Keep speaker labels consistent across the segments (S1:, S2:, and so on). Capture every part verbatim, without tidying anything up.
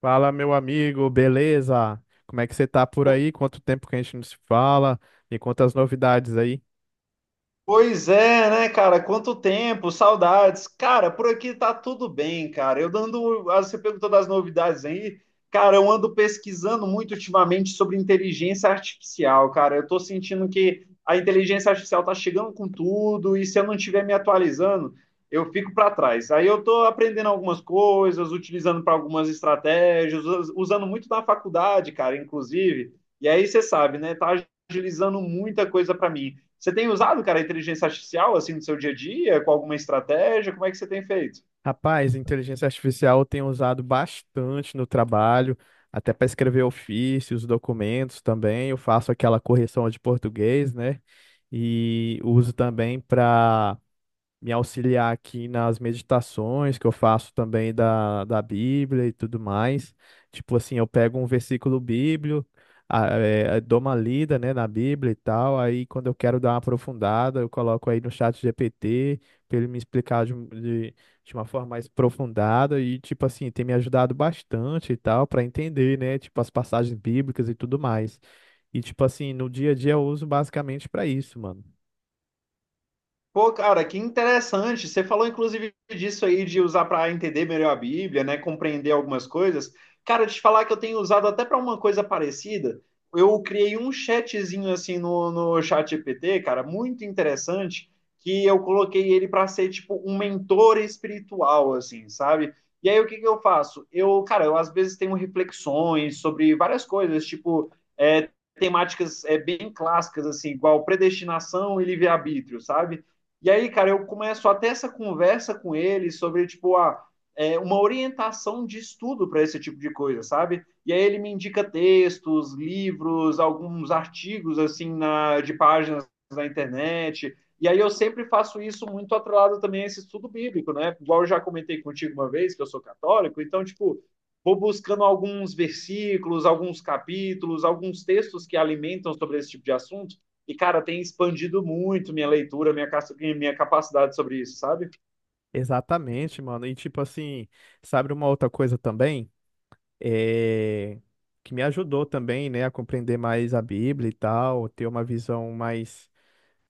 S1: Fala, meu amigo, beleza? Como é que você tá por aí? Quanto tempo que a gente não se fala? E quantas novidades aí?
S2: Pois é, né, cara? Quanto tempo, saudades. Cara, por aqui tá tudo bem, cara. Eu dando, ah, você perguntou das novidades aí. Cara, eu ando pesquisando muito ultimamente sobre inteligência artificial, cara. Eu tô sentindo que a inteligência artificial tá chegando com tudo e se eu não estiver me atualizando, eu fico para trás. Aí eu tô aprendendo algumas coisas, utilizando para algumas estratégias, us- usando muito na faculdade, cara, inclusive. E aí você sabe, né? Tá agilizando muita coisa para mim. Você tem usado, cara, a inteligência artificial assim no seu dia a dia, com alguma estratégia? Como é que você tem feito?
S1: Rapaz, inteligência artificial eu tenho usado bastante no trabalho, até para escrever ofícios, documentos também. Eu faço aquela correção de português, né? E uso também para me auxiliar aqui nas meditações que eu faço também da, da Bíblia e tudo mais. Tipo assim, eu pego um versículo bíblico, a- é, dou uma lida, né, na Bíblia e tal. Aí quando eu quero dar uma aprofundada, eu coloco aí no chat G P T para ele me explicar de, um- de, de uma forma mais aprofundada e tipo assim, tem me ajudado bastante e tal para entender, né, tipo as passagens bíblicas e tudo mais. E tipo assim, no dia a dia eu uso basicamente para isso, mano.
S2: Pô, cara, que interessante. Você falou inclusive disso aí de usar para entender melhor a Bíblia, né, compreender algumas coisas. Cara, te falar que eu tenho usado até para uma coisa parecida. Eu criei um chatzinho assim no, no G P T, cara, muito interessante, que eu coloquei ele para ser tipo um mentor espiritual, assim, sabe? E aí o que que eu faço? Eu, cara, eu às vezes tenho reflexões sobre várias coisas, tipo, é, temáticas é, bem clássicas, assim, igual predestinação e livre-arbítrio, sabe? E aí, cara, eu começo até essa conversa com ele sobre, tipo, a, é, uma orientação de estudo para esse tipo de coisa, sabe? E aí ele me indica textos, livros, alguns artigos, assim, na, de páginas na internet. E aí eu sempre faço isso muito atrelado também a esse estudo bíblico, né? Igual eu já comentei contigo uma vez, que eu sou católico, então, tipo, vou buscando alguns versículos, alguns capítulos, alguns textos que alimentam sobre esse tipo de assunto, e, cara, tem expandido muito minha leitura, minha, minha capacidade sobre isso, sabe?
S1: Exatamente, mano. E tipo assim, sabe uma outra coisa também? É... Que me ajudou também, né, a compreender mais a Bíblia e tal, ter uma visão mais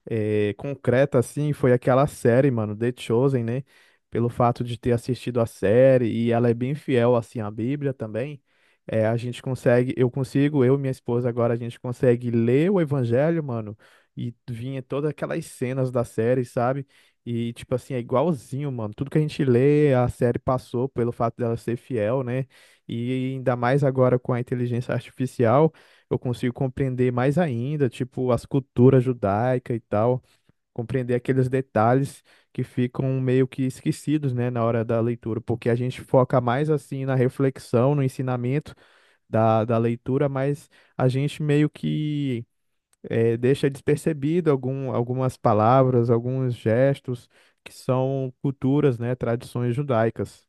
S1: eh, concreta, assim, foi aquela série, mano, The Chosen, né? Pelo fato de ter assistido a série e ela é bem fiel, assim, à Bíblia também, eh, a gente consegue, eu consigo, eu e minha esposa agora, a gente consegue ler o Evangelho, mano, e vinha todas aquelas cenas da série, sabe? E, tipo assim, é igualzinho, mano. Tudo que a gente lê, a série passou pelo fato dela ser fiel, né? E ainda mais agora com a inteligência artificial eu consigo compreender mais ainda, tipo, as culturas judaicas e tal, compreender aqueles detalhes que ficam meio que esquecidos, né, na hora da leitura, porque a gente foca mais assim na reflexão, no ensinamento da, da leitura, mas a gente meio que eh, deixa despercebido algum, algumas palavras, alguns gestos que são culturas, né, tradições judaicas.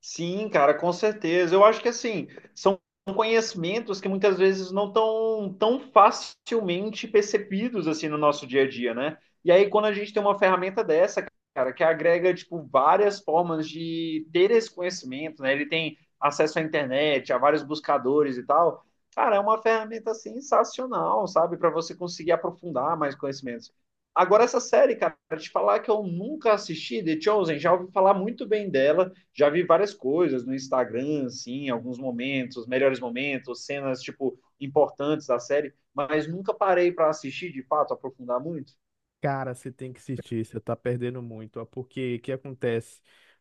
S2: Sim, cara, com certeza. Eu acho que assim, são conhecimentos que muitas vezes não estão tão facilmente percebidos assim no nosso dia a dia, né? E aí quando a gente tem uma ferramenta dessa, cara, que agrega tipo várias formas de ter esse conhecimento, né? Ele tem acesso à internet, a vários buscadores e tal. Cara, é uma ferramenta sensacional, sabe, para você conseguir aprofundar mais conhecimentos. Agora essa série, cara, pra te falar que eu nunca assisti, The Chosen, já ouvi falar muito bem dela, já vi várias coisas no Instagram, assim, alguns momentos, melhores momentos, cenas, tipo, importantes da série, mas nunca parei para assistir, de fato, aprofundar muito.
S1: Cara, você tem que assistir, você tá perdendo muito, ó, porque o que acontece?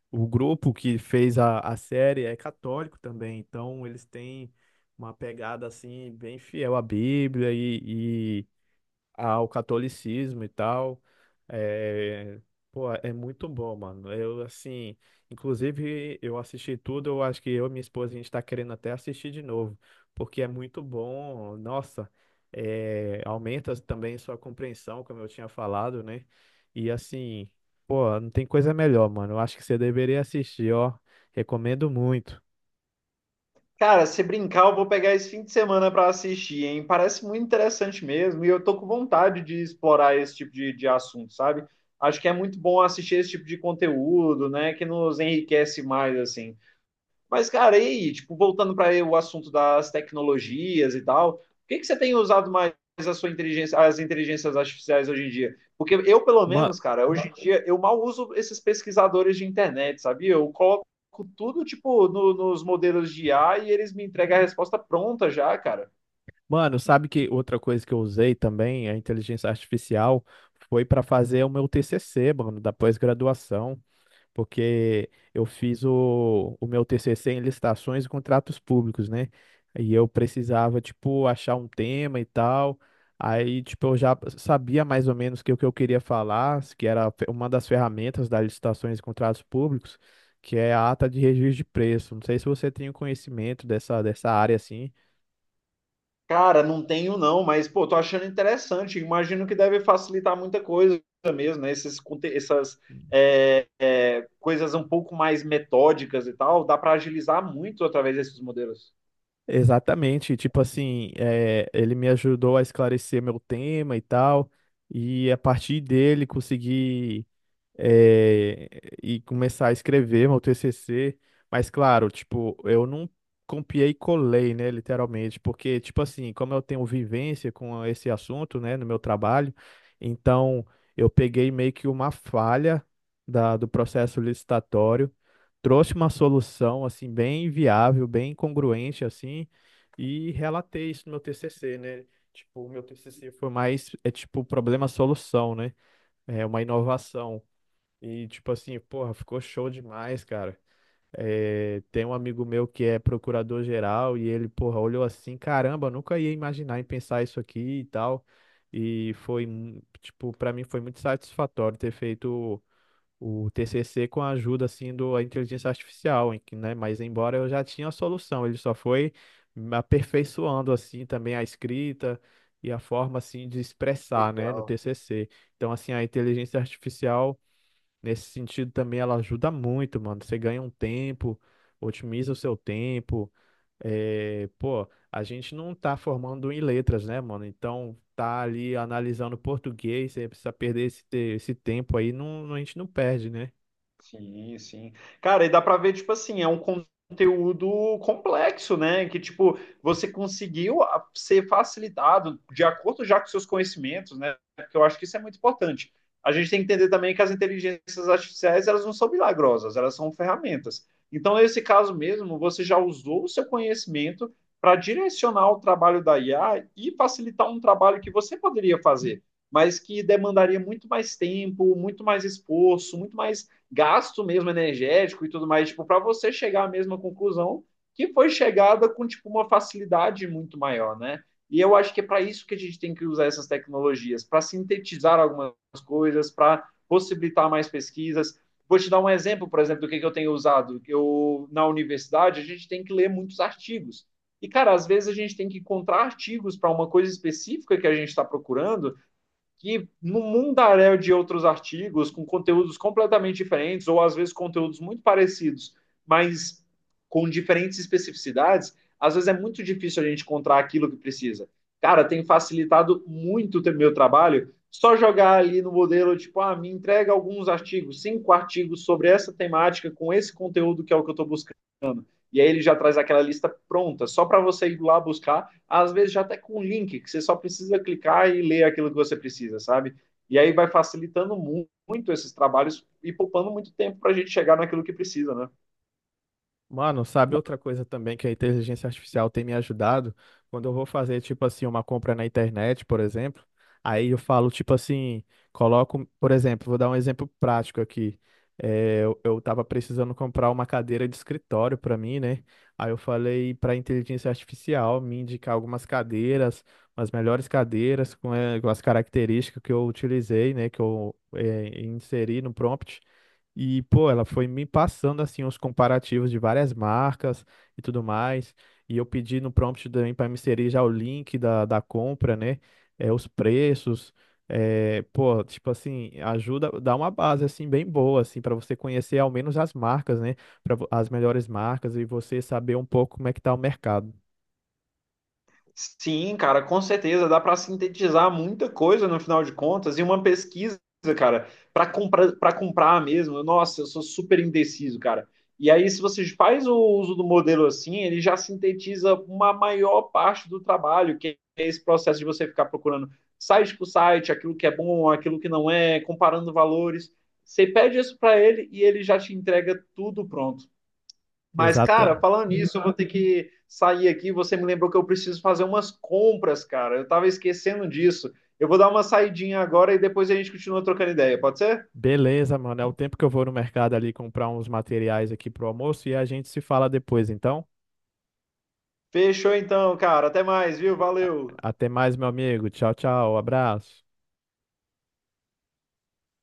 S1: O grupo que fez a, a série é católico também, então eles têm uma pegada assim bem fiel à Bíblia e, ao catolicismo e tal. É, pô, é muito bom, mano. Eu, assim, inclusive, eu assisti tudo, eu acho que eu e minha esposa, a gente tá querendo até assistir de novo, porque é muito bom. Nossa, é, aumenta também sua compreensão, como eu tinha falado, né? E, assim, pô, não tem coisa melhor, mano. Eu acho que você deveria assistir, ó. Recomendo muito.
S2: Cara, se brincar, eu vou pegar esse fim de semana para assistir, hein? Parece muito interessante mesmo, e eu tô com vontade de explorar esse tipo de, de assunto, sabe? Acho que é muito bom assistir esse tipo de conteúdo, né? Que nos enriquece mais, assim. Mas, cara, e aí, tipo, voltando para o assunto das tecnologias e tal, o que que você tem usado mais a sua inteligência, as inteligências artificiais hoje em dia? Porque eu, pelo menos, cara, hoje em dia eu mal uso esses pesquisadores de internet, sabia? Eu coloco tudo, tipo, no- nos modelos de I A e eles me entregam a resposta pronta já, cara.
S1: Mano, sabe que outra coisa que eu usei também, a inteligência artificial, foi para fazer o meu T C C, mano, da pós-graduação, porque eu fiz o, o meu T C C em licitações e contratos públicos, né? E eu precisava, tipo, achar um tema e tal. Aí, tipo, eu já sabia mais ou menos que o que eu queria falar, que era fe- uma das ferramentas das licitações e contratos públicos, que é a ata de registro de preço. Não sei se você tem o conhecimento dessa, dessa área assim.
S2: Cara, não tenho não, mas pô, tô achando interessante. Imagino que deve facilitar muita coisa mesmo, né? Esses, conte- essas é, é, coisas um pouco mais metódicas e tal, dá para agilizar muito através desses modelos.
S1: Exatamente, tipo assim, é, ele me ajudou a esclarecer meu tema e tal, e a partir dele consegui eh, e começar a escrever meu T C C. Mas, claro, tipo, eu não copiei e colei, né, literalmente, porque, tipo assim, como eu tenho vivência com esse assunto, né, no meu trabalho, então eu peguei meio que uma falha da, do processo licitatório, trouxe uma solução, assim, bem viável, bem congruente, assim, e relatei isso no meu T C C, né? Tipo, o meu T C C foi mais, é tipo, problema-solução, né? É uma inovação. E tipo assim, porra, ficou show demais, cara. É, tem um amigo meu que é procurador-geral e ele, porra, olhou assim, caramba, nunca ia imaginar em pensar isso aqui e tal. E foi, mu- tipo, pra mim foi muito satisfatório ter feito o, o T C C com a ajuda, assim, do, a inteligência artificial, em que, né? Mas embora eu já tinha a solução, ele só foi me aperfeiçoando, assim, também a escrita e a forma, assim, de expressar, né, no
S2: Legal.
S1: T C C. Então, assim, a inteligência artificial nesse sentido também ela ajuda muito, mano. Você ganha um tempo, otimiza o seu tempo. É, pô, a gente não tá formando em letras, né, mano? Então tá ali analisando português, você precisa perder esse, te- esse tempo aí, não, não- a gente não perde, né?
S2: Sim, sim. Cara, e dá pra ver, tipo assim, é um conteúdo complexo, né? Que, tipo, você conseguiu a- ser facilitado de acordo já com seus conhecimentos, né? Porque eu acho que isso é muito importante. A gente tem que entender também que as inteligências artificiais, elas não são milagrosas, elas são ferramentas. Então, nesse caso mesmo, você já usou o seu conhecimento para direcionar o trabalho da I A e facilitar um trabalho que você poderia fazer, mas que demandaria muito mais tempo, muito mais esforço, muito mais gasto mesmo energético e tudo mais, tipo, para você chegar à mesma conclusão que foi chegada com tipo uma facilidade muito maior, né? E eu acho que é para isso que a gente tem que usar essas tecnologias, para sintetizar algumas coisas, para possibilitar mais pesquisas. Vou te dar um exemplo, por exemplo, do que, eu tenho usado. Eu na universidade a gente tem que ler muitos artigos. E, cara, às vezes a gente tem que encontrar artigos para uma coisa específica que a gente está procurando, que no mundaréu de outros artigos, com conteúdos completamente diferentes, ou às vezes conteúdos muito parecidos, mas com diferentes especificidades, às vezes é muito difícil a gente encontrar aquilo que precisa. Cara, tem facilitado muito o meu trabalho só jogar ali no modelo, tipo, ah, me entrega alguns artigos, cinco artigos sobre essa temática, com esse conteúdo que é o que eu estou buscando. E aí ele já traz aquela lista pronta, só para você ir lá buscar, às vezes já até com um link, que você só precisa clicar e ler aquilo que você precisa, sabe? E aí vai facilitando muito, muito esses trabalhos e poupando muito tempo para a gente chegar naquilo que precisa, né?
S1: Mano, sabe outra coisa também que a inteligência artificial tem me ajudado? Quando eu vou fazer, tipo assim, uma compra na internet, por exemplo, aí eu falo, tipo assim, coloco, por exemplo, vou dar um exemplo prático aqui. É, eu, eu tava precisando comprar uma cadeira de escritório para mim, né? Aí eu falei para a inteligência artificial me indicar algumas cadeiras, as melhores cadeiras com, eh, com as características que eu utilizei, né? Que eu eh, inseri no prompt. E, pô, ela foi me passando, assim, os comparativos de várias marcas e tudo mais. E eu pedi no prompt também para me inserir já o link da, da compra, né? É, os preços. É, pô, tipo assim, ajuda, dá uma base, assim, bem boa, assim, para você conhecer ao menos as marcas, né? Pra, vo- as melhores marcas e você saber um pouco como é que tá o mercado.
S2: Sim, cara, com certeza dá para sintetizar muita coisa no final de contas e uma pesquisa, cara, para comprar, para comprar mesmo. Nossa, eu sou super indeciso, cara. E aí, se você faz o uso do modelo assim, ele já sintetiza uma maior parte do trabalho, que é esse processo de você ficar procurando site por site, aquilo que é bom, aquilo que não é, comparando valores. Você pede isso para ele e ele já te entrega tudo pronto. Mas, cara,
S1: Exata.
S2: falando nisso, eu vou ter que sair aqui. Você me lembrou que eu preciso fazer umas compras, cara. Eu tava esquecendo disso. Eu vou dar uma saidinha agora e depois a gente continua trocando ideia, pode ser?
S1: Beleza, mano. É o tempo que eu vou no mercado ali comprar uns materiais aqui pro almoço e a gente se fala depois, então.
S2: Fechou então, cara. Até mais, viu? Valeu.
S1: Até mais, meu amigo. Tchau, tchau. Abraço.